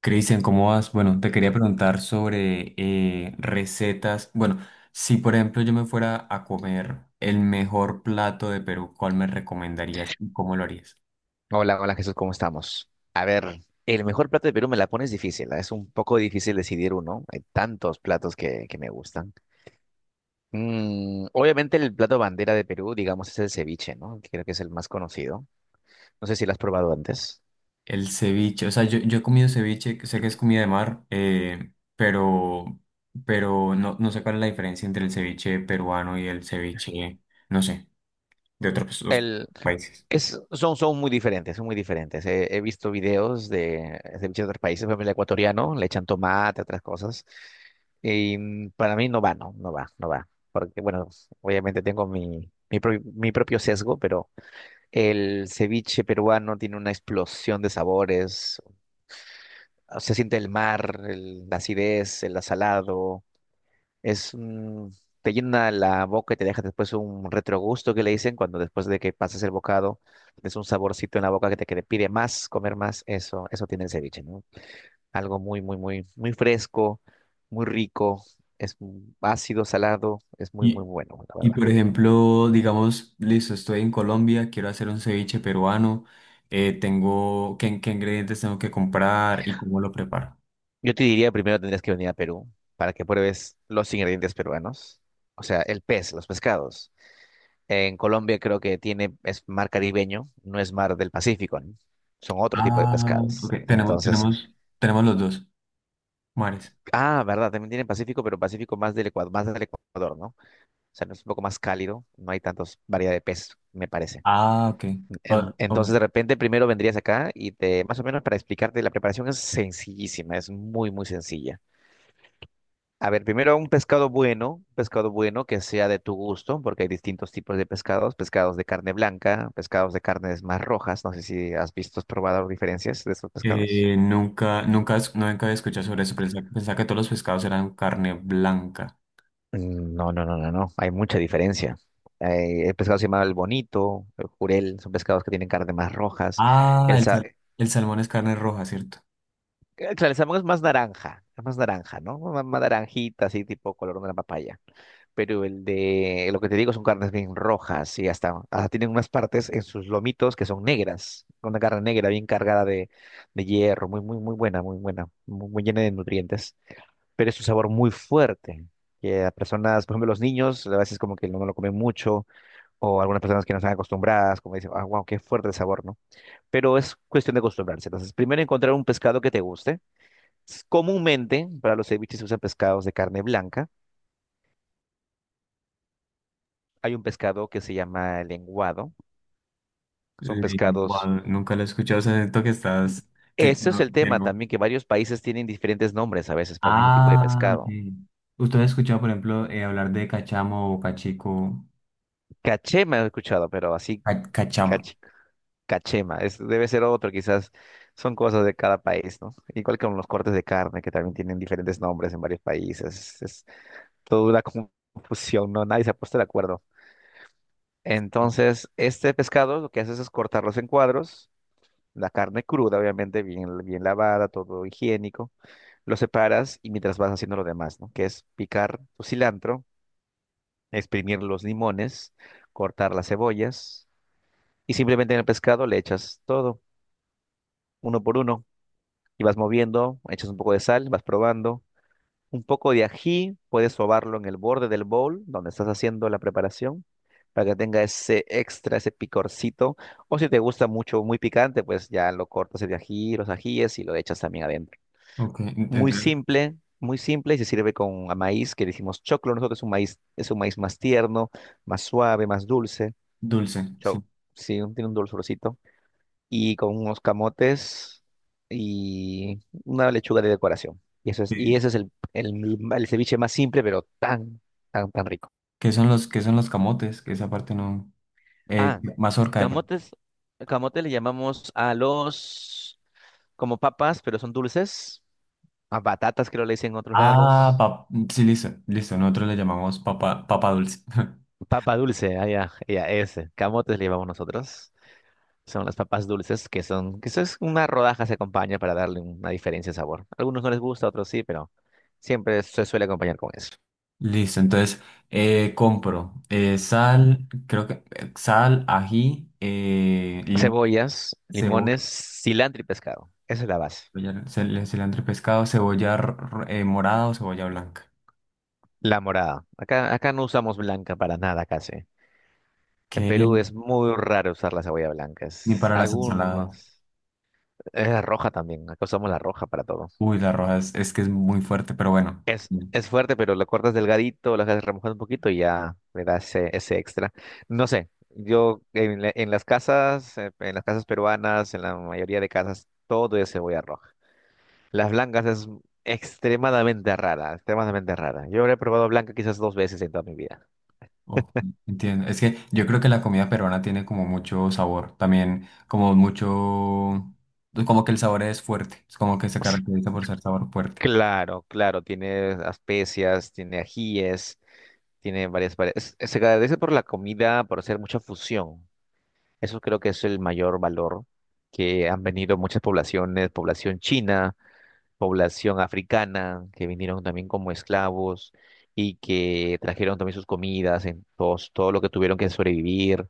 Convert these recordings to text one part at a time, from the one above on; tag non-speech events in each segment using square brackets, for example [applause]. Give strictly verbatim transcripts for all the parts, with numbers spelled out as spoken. Cristian, ¿cómo vas? Bueno, te quería preguntar sobre eh, recetas. Bueno, si por ejemplo yo me fuera a comer el mejor plato de Perú, ¿cuál me recomendarías y cómo lo harías? Hola, hola Jesús, ¿cómo estamos? A ver, el mejor plato de Perú me la pones difícil, ¿ah? Es un poco difícil decidir uno, hay tantos platos que, que me gustan. Mm, obviamente el plato bandera de Perú, digamos, es el ceviche, ¿no? Creo que es el más conocido. No sé si lo has probado antes. El ceviche, o sea, yo, yo he comido ceviche, que sé que es comida de mar, eh, pero, pero no, no sé cuál es la diferencia entre el ceviche peruano y el ceviche, no sé, de otros otros El, países. es, son, son muy diferentes, son muy diferentes. He, he visto videos de ceviche de otros países, por ejemplo, el ecuatoriano, le echan tomate, otras cosas. Y mm, para mí no va, no, no va, no va. Porque, bueno, obviamente tengo mi, mi, pro- mi propio sesgo, pero. El ceviche peruano tiene una explosión de sabores. Se siente el mar, el- la acidez, el asalado. Es un- Te llena la boca y te deja después un retrogusto que le dicen cuando después de que pasas el bocado, es un saborcito en la boca que te, que te pide más, comer más. Eso, eso tiene el ceviche, ¿no? Algo muy, muy, muy, muy fresco, muy rico. Es ácido, salado. Es muy, muy Y, bueno, la y verdad. por ejemplo, digamos, listo, estoy en Colombia, quiero hacer un ceviche peruano, eh, tengo, ¿qué, qué ingredientes tengo que comprar y cómo lo preparo? Yo te diría primero tendrías que venir a Perú para que pruebes los ingredientes peruanos, o sea, el pez, los pescados. En Colombia creo que tiene, es mar caribeño, no es mar del Pacífico, ¿no? Son otro tipo de Ah, pescados. ok, tenemos, Entonces, tenemos, tenemos los dos mares. ah, verdad, también tienen Pacífico, pero Pacífico más del Ecuador, más del Ecuador, ¿no? O sea, no es un poco más cálido, no hay tantos variedad de peces, me parece. Ah, ok. En- Ah, Entonces, ok. de repente, primero vendrías acá y te, más o menos para explicarte, la preparación es sencillísima, es muy, muy sencilla. A ver, primero un pescado bueno, un pescado bueno que sea de tu gusto, porque hay distintos tipos de pescados, pescados de carne blanca, pescados de carnes más rojas, no sé si has visto, has probado diferencias de estos pescados. Eh, nunca, nunca, es- nunca había escuchado sobre eso, pensaba, pensaba que todos los pescados eran carne blanca. Mm, no, no, no, no, no, hay mucha diferencia. Eh, el pescado se llama el bonito, el jurel, son pescados que tienen carne más rojas. Ah, El el, sa- sal- eh, el salmón es carne roja, ¿cierto? claro, el salmón es más naranja, es más naranja, ¿no? Más, más naranjita, así tipo color de una papaya. Pero el de, lo que te digo son carnes bien rojas y hasta, hasta tienen unas partes en sus lomitos que son negras, con una carne negra bien cargada de, de hierro, muy, muy, muy buena, muy buena, muy, muy llena de nutrientes, pero es un sabor muy fuerte. Que a personas, por ejemplo, los niños, a veces como que no, no lo comen mucho, o algunas personas que no están acostumbradas, como dicen, ah, wow, qué fuerte el sabor, ¿no? Pero es cuestión de acostumbrarse. Entonces, primero encontrar un pescado que te guste. S- Comúnmente, para los ceviches se usan pescados de carne blanca. Hay un pescado que se llama el lenguado, son Eh, pescados. guau, nunca lo he escuchado, o sea, siento que estás, que Ese es no- el que tema no. también, que varios países tienen diferentes nombres a veces para el mismo tipo de Ah, pescado. sí. ¿Usted ha escuchado, por ejemplo, eh, hablar de cachamo o cachico? Cachema he escuchado, pero así Ca- Cachamo. cach- cachema. Es, debe ser otro, quizás son cosas de cada país, ¿no? Igual que con los cortes de carne, que también tienen diferentes nombres en varios países. Es toda una confusión, ¿no? Nadie se ha puesto de acuerdo. Entonces, este pescado lo que haces es cortarlos en cuadros, la carne cruda, obviamente, bien, bien lavada, todo higiénico. Lo separas y mientras vas haciendo lo demás, ¿no? Que es picar tu cilantro, exprimir los limones, cortar las cebollas y simplemente en el pescado le echas todo, uno por uno, y vas moviendo, echas un poco de sal, vas probando. Un poco de ají, puedes sobarlo en el borde del bowl donde estás haciendo la preparación para que tenga ese extra, ese picorcito. O si te gusta mucho, muy picante, pues ya lo cortas el ají, los ajíes y lo echas también adentro. Ok, en- Muy entonces, simple, muy simple y se sirve con a maíz que le decimos choclo. Nosotros es un maíz, es un maíz más tierno, más suave, más dulce. dulce, sí. Cho- sí, un- tiene un dulzorcito. Y con unos camotes y una lechuga de decoración. Y eso es, y Sí. ese es el, el, el ceviche más simple, pero tan, tan, tan rico. ¿Qué son los, qué son los camotes? Que esa parte no. Eh, Ah, mazorca de... camotes, camote le llamamos a los como papas, pero son dulces. A batatas creo le dicen en otros Ah, lados. pa- sí, listo, listo. Nosotros le llamamos papa, papa dulce. [laughs] Papa dulce, allá, ya, ese. Camotes le llamamos nosotros. Son las papas dulces que son, que eso es una rodaja se acompaña para darle una diferencia de sabor. Algunos no les gusta, otros sí, pero siempre se suele acompañar con eso. Listo, entonces eh, compro eh, sal, creo que eh, sal, ají, eh, limón, Cebollas, cebolla, limones, cilantro y pescado. Esa es la base. cebolla- cel- cilantro y pescado, cebolla r- r- eh, morada o cebolla blanca. La morada. Acá, acá no usamos blanca para nada casi. En ¿Qué? Perú es muy raro usar la cebolla blanca. Ni Es para las ensaladas. algunos. Es la roja también. Acá usamos la roja para todo. Uy, la roja es, es que es muy fuerte, pero bueno. Es, mm, es fuerte, pero lo cortas delgadito, lo dejas remojar un poquito y ya le da ese, ese extra. No sé, yo en, la- en las casas, eh, en las casas peruanas, en la mayoría de casas, todo es cebolla roja. Las blancas es extremadamente rara, extremadamente rara. Yo he probado blanca quizás dos veces en toda mi vida. oh, entiendo. Es que yo creo que la comida peruana tiene como mucho sabor. También como mucho... pues, como que el sabor es fuerte. Es como que se [laughs] caracteriza por ser sabor fuerte. Claro, claro, tiene especias, tiene ajíes, tiene varias... vari- es- se agradece por la comida, por hacer mucha fusión. Eso creo que es el mayor valor que han venido muchas poblaciones, población china, población africana, que vinieron también como esclavos y que trajeron también sus comidas, en todos, todo lo que tuvieron que sobrevivir.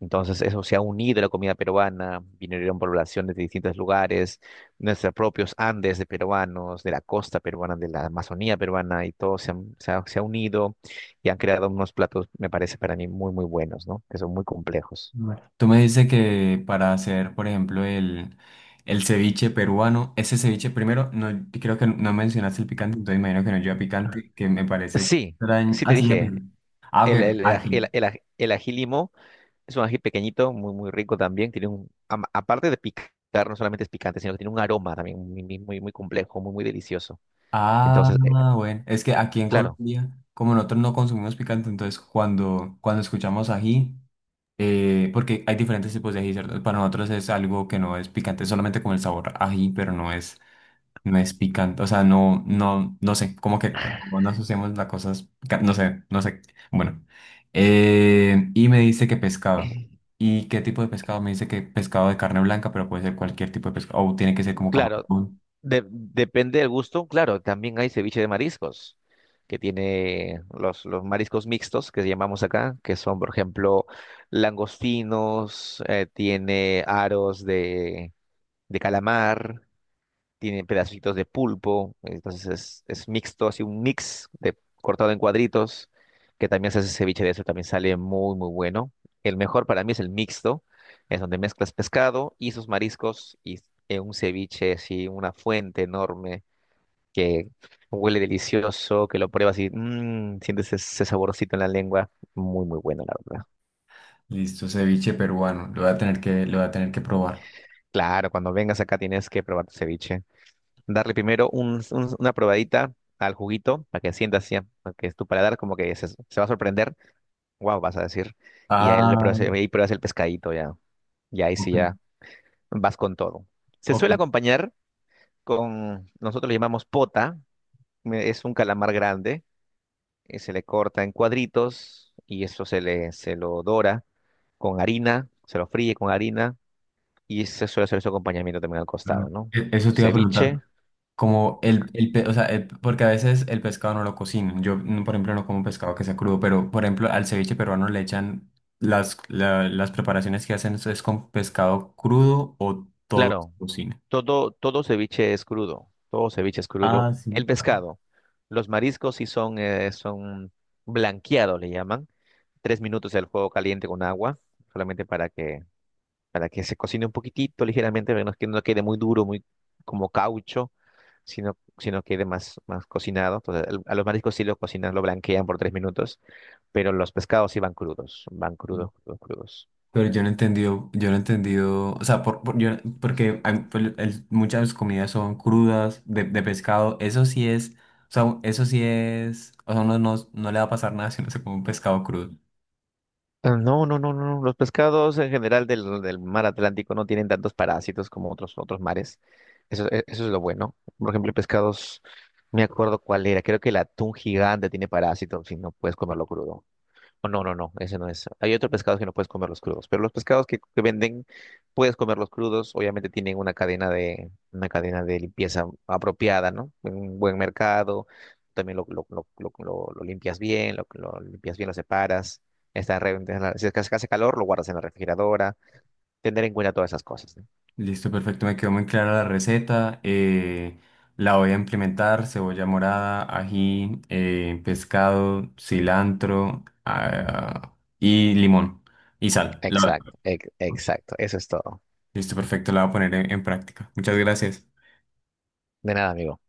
Entonces eso se ha unido a la comida peruana, vinieron poblaciones de distintos lugares, nuestros propios Andes de peruanos, de la costa peruana, de la Amazonía peruana, y todo se, han- se ha, se ha unido y han creado unos platos, me parece para mí, muy, muy buenos, ¿no? Que son muy complejos. Bueno. Tú me dices que para hacer, por ejemplo, el, el ceviche peruano, ese ceviche primero, no, creo que no mencionaste el picante, entonces imagino que no lleva picante, que me parece Sí, extraño. sí te Ah, sí, ya dije. picante. Ah, ok, El, ok, el, el, aj- el- ají. el aj- el ají limo es un ají pequeñito, muy, muy rico también. Tiene un, am- aparte de picar, no solamente es picante, sino que tiene un aroma también muy, muy, muy muy complejo, muy, muy delicioso. Ah, Entonces, eh, bueno, es que aquí en claro. Colombia, como nosotros no consumimos picante, entonces cuando, cuando escuchamos ají, eh, porque hay diferentes tipos de ají, ¿cierto? Para nosotros es algo que no es picante, es solamente como el sabor ají, pero no es, no es picante, o sea, no, no, no sé, como que no no asociamos las cosas, pica- no sé, no sé, bueno. Eh, y me dice que pescado. [laughs] ¿Y qué tipo de pescado? Me dice que pescado de carne blanca, pero puede ser cualquier tipo de pescado, o tiene que ser como Claro, camarón. de- depende del gusto. Claro, también hay ceviche de mariscos, que tiene los, los mariscos mixtos, que llamamos acá, que son, por ejemplo, langostinos, eh, tiene aros de, de, calamar. Tiene pedacitos de pulpo, entonces es, es mixto, así un mix de cortado en cuadritos, que también se hace ceviche de eso, también sale muy, muy bueno. El mejor para mí es el mixto, es donde mezclas pescado y sus mariscos y en un ceviche, así, una fuente enorme que huele delicioso, que lo pruebas y mm, sientes ese, ese saborcito en la lengua, muy, muy bueno, la verdad. Listo, ceviche peruano. Lo voy a tener que, lo voy a tener que probar. Claro, cuando vengas acá tienes que probar tu ceviche. Darle primero un- un- una probadita al juguito para que sientas, así, para que tu paladar como que se, se va a sorprender. Wow, vas a decir. Y ahí, le Ah, pruebas, ahí pruebas el pescadito ya. Y ahí ok, sí ya vas con todo. Se suele ok. acompañar con, nosotros le llamamos pota, me- es un calamar grande, y se le corta en cuadritos y eso se le se lo dora con harina, se lo fríe con harina y se suele hacer su acompañamiento también al Mm. costado, ¿no? E- Eso te iba a preguntar. Ceviche, Como el, el pe- o sea, el- porque a veces el pescado no lo cocinan. Yo, mm, por ejemplo, no como pescado que sea crudo, pero, por ejemplo, al ceviche peruano le echan las, la- las preparaciones que hacen es es con pescado crudo o todo se claro. cocina. Todo, todo ceviche es crudo, todo ceviche es crudo. Ah, El sí. pescado, los mariscos sí son, eh, son blanqueados, le llaman. Tres minutos del fuego caliente con agua, solamente para que, para que se cocine un poquitito, ligeramente, para que no, que no quede muy duro, muy como caucho, sino, sino quede más, más cocinado. Entonces, el- a los mariscos sí lo cocinan, lo blanquean por tres minutos, pero los pescados sí van crudos, van crudos, crudos, crudos. Pero yo no he entendido, yo no he entendido, o sea, por, por- yo- porque hay- pues, el- muchas comidas son crudas, de, de pescado, eso sí es, o sea, eso sí es, o sea, uno no, no le va a pasar nada si no se come un pescado crudo. Ah, no, no, no, no. Los pescados en general del, del mar Atlántico no tienen tantos parásitos como otros, otros mares. Eso, e- eso es lo bueno. Por ejemplo, pescados, no me acuerdo cuál era. Creo que el atún gigante tiene parásitos y no puedes comerlo crudo. Oh, no, no, no, ese no es. Hay otros pescados que no puedes comerlos crudos, pero los pescados que, que venden puedes comerlos crudos. Obviamente tienen una cadena de una cadena de limpieza apropiada, ¿no? Un buen mercado. También lo, lo, lo, lo, lo- lo limpias bien, lo, lo limpias bien, lo separas. Está re- en la- Si es que hace calor, lo guardas en la refrigeradora. Tener en cuenta todas esas cosas, ¿no? Listo, perfecto, me quedó muy clara la receta, eh, la voy a implementar, cebolla morada, ají, eh, pescado, cilantro, ah, y limón, y sal. La- Exacto, ex- exacto. Eso es todo. listo, perfecto, la voy a poner en en práctica. Muchas gracias. De nada, amigo.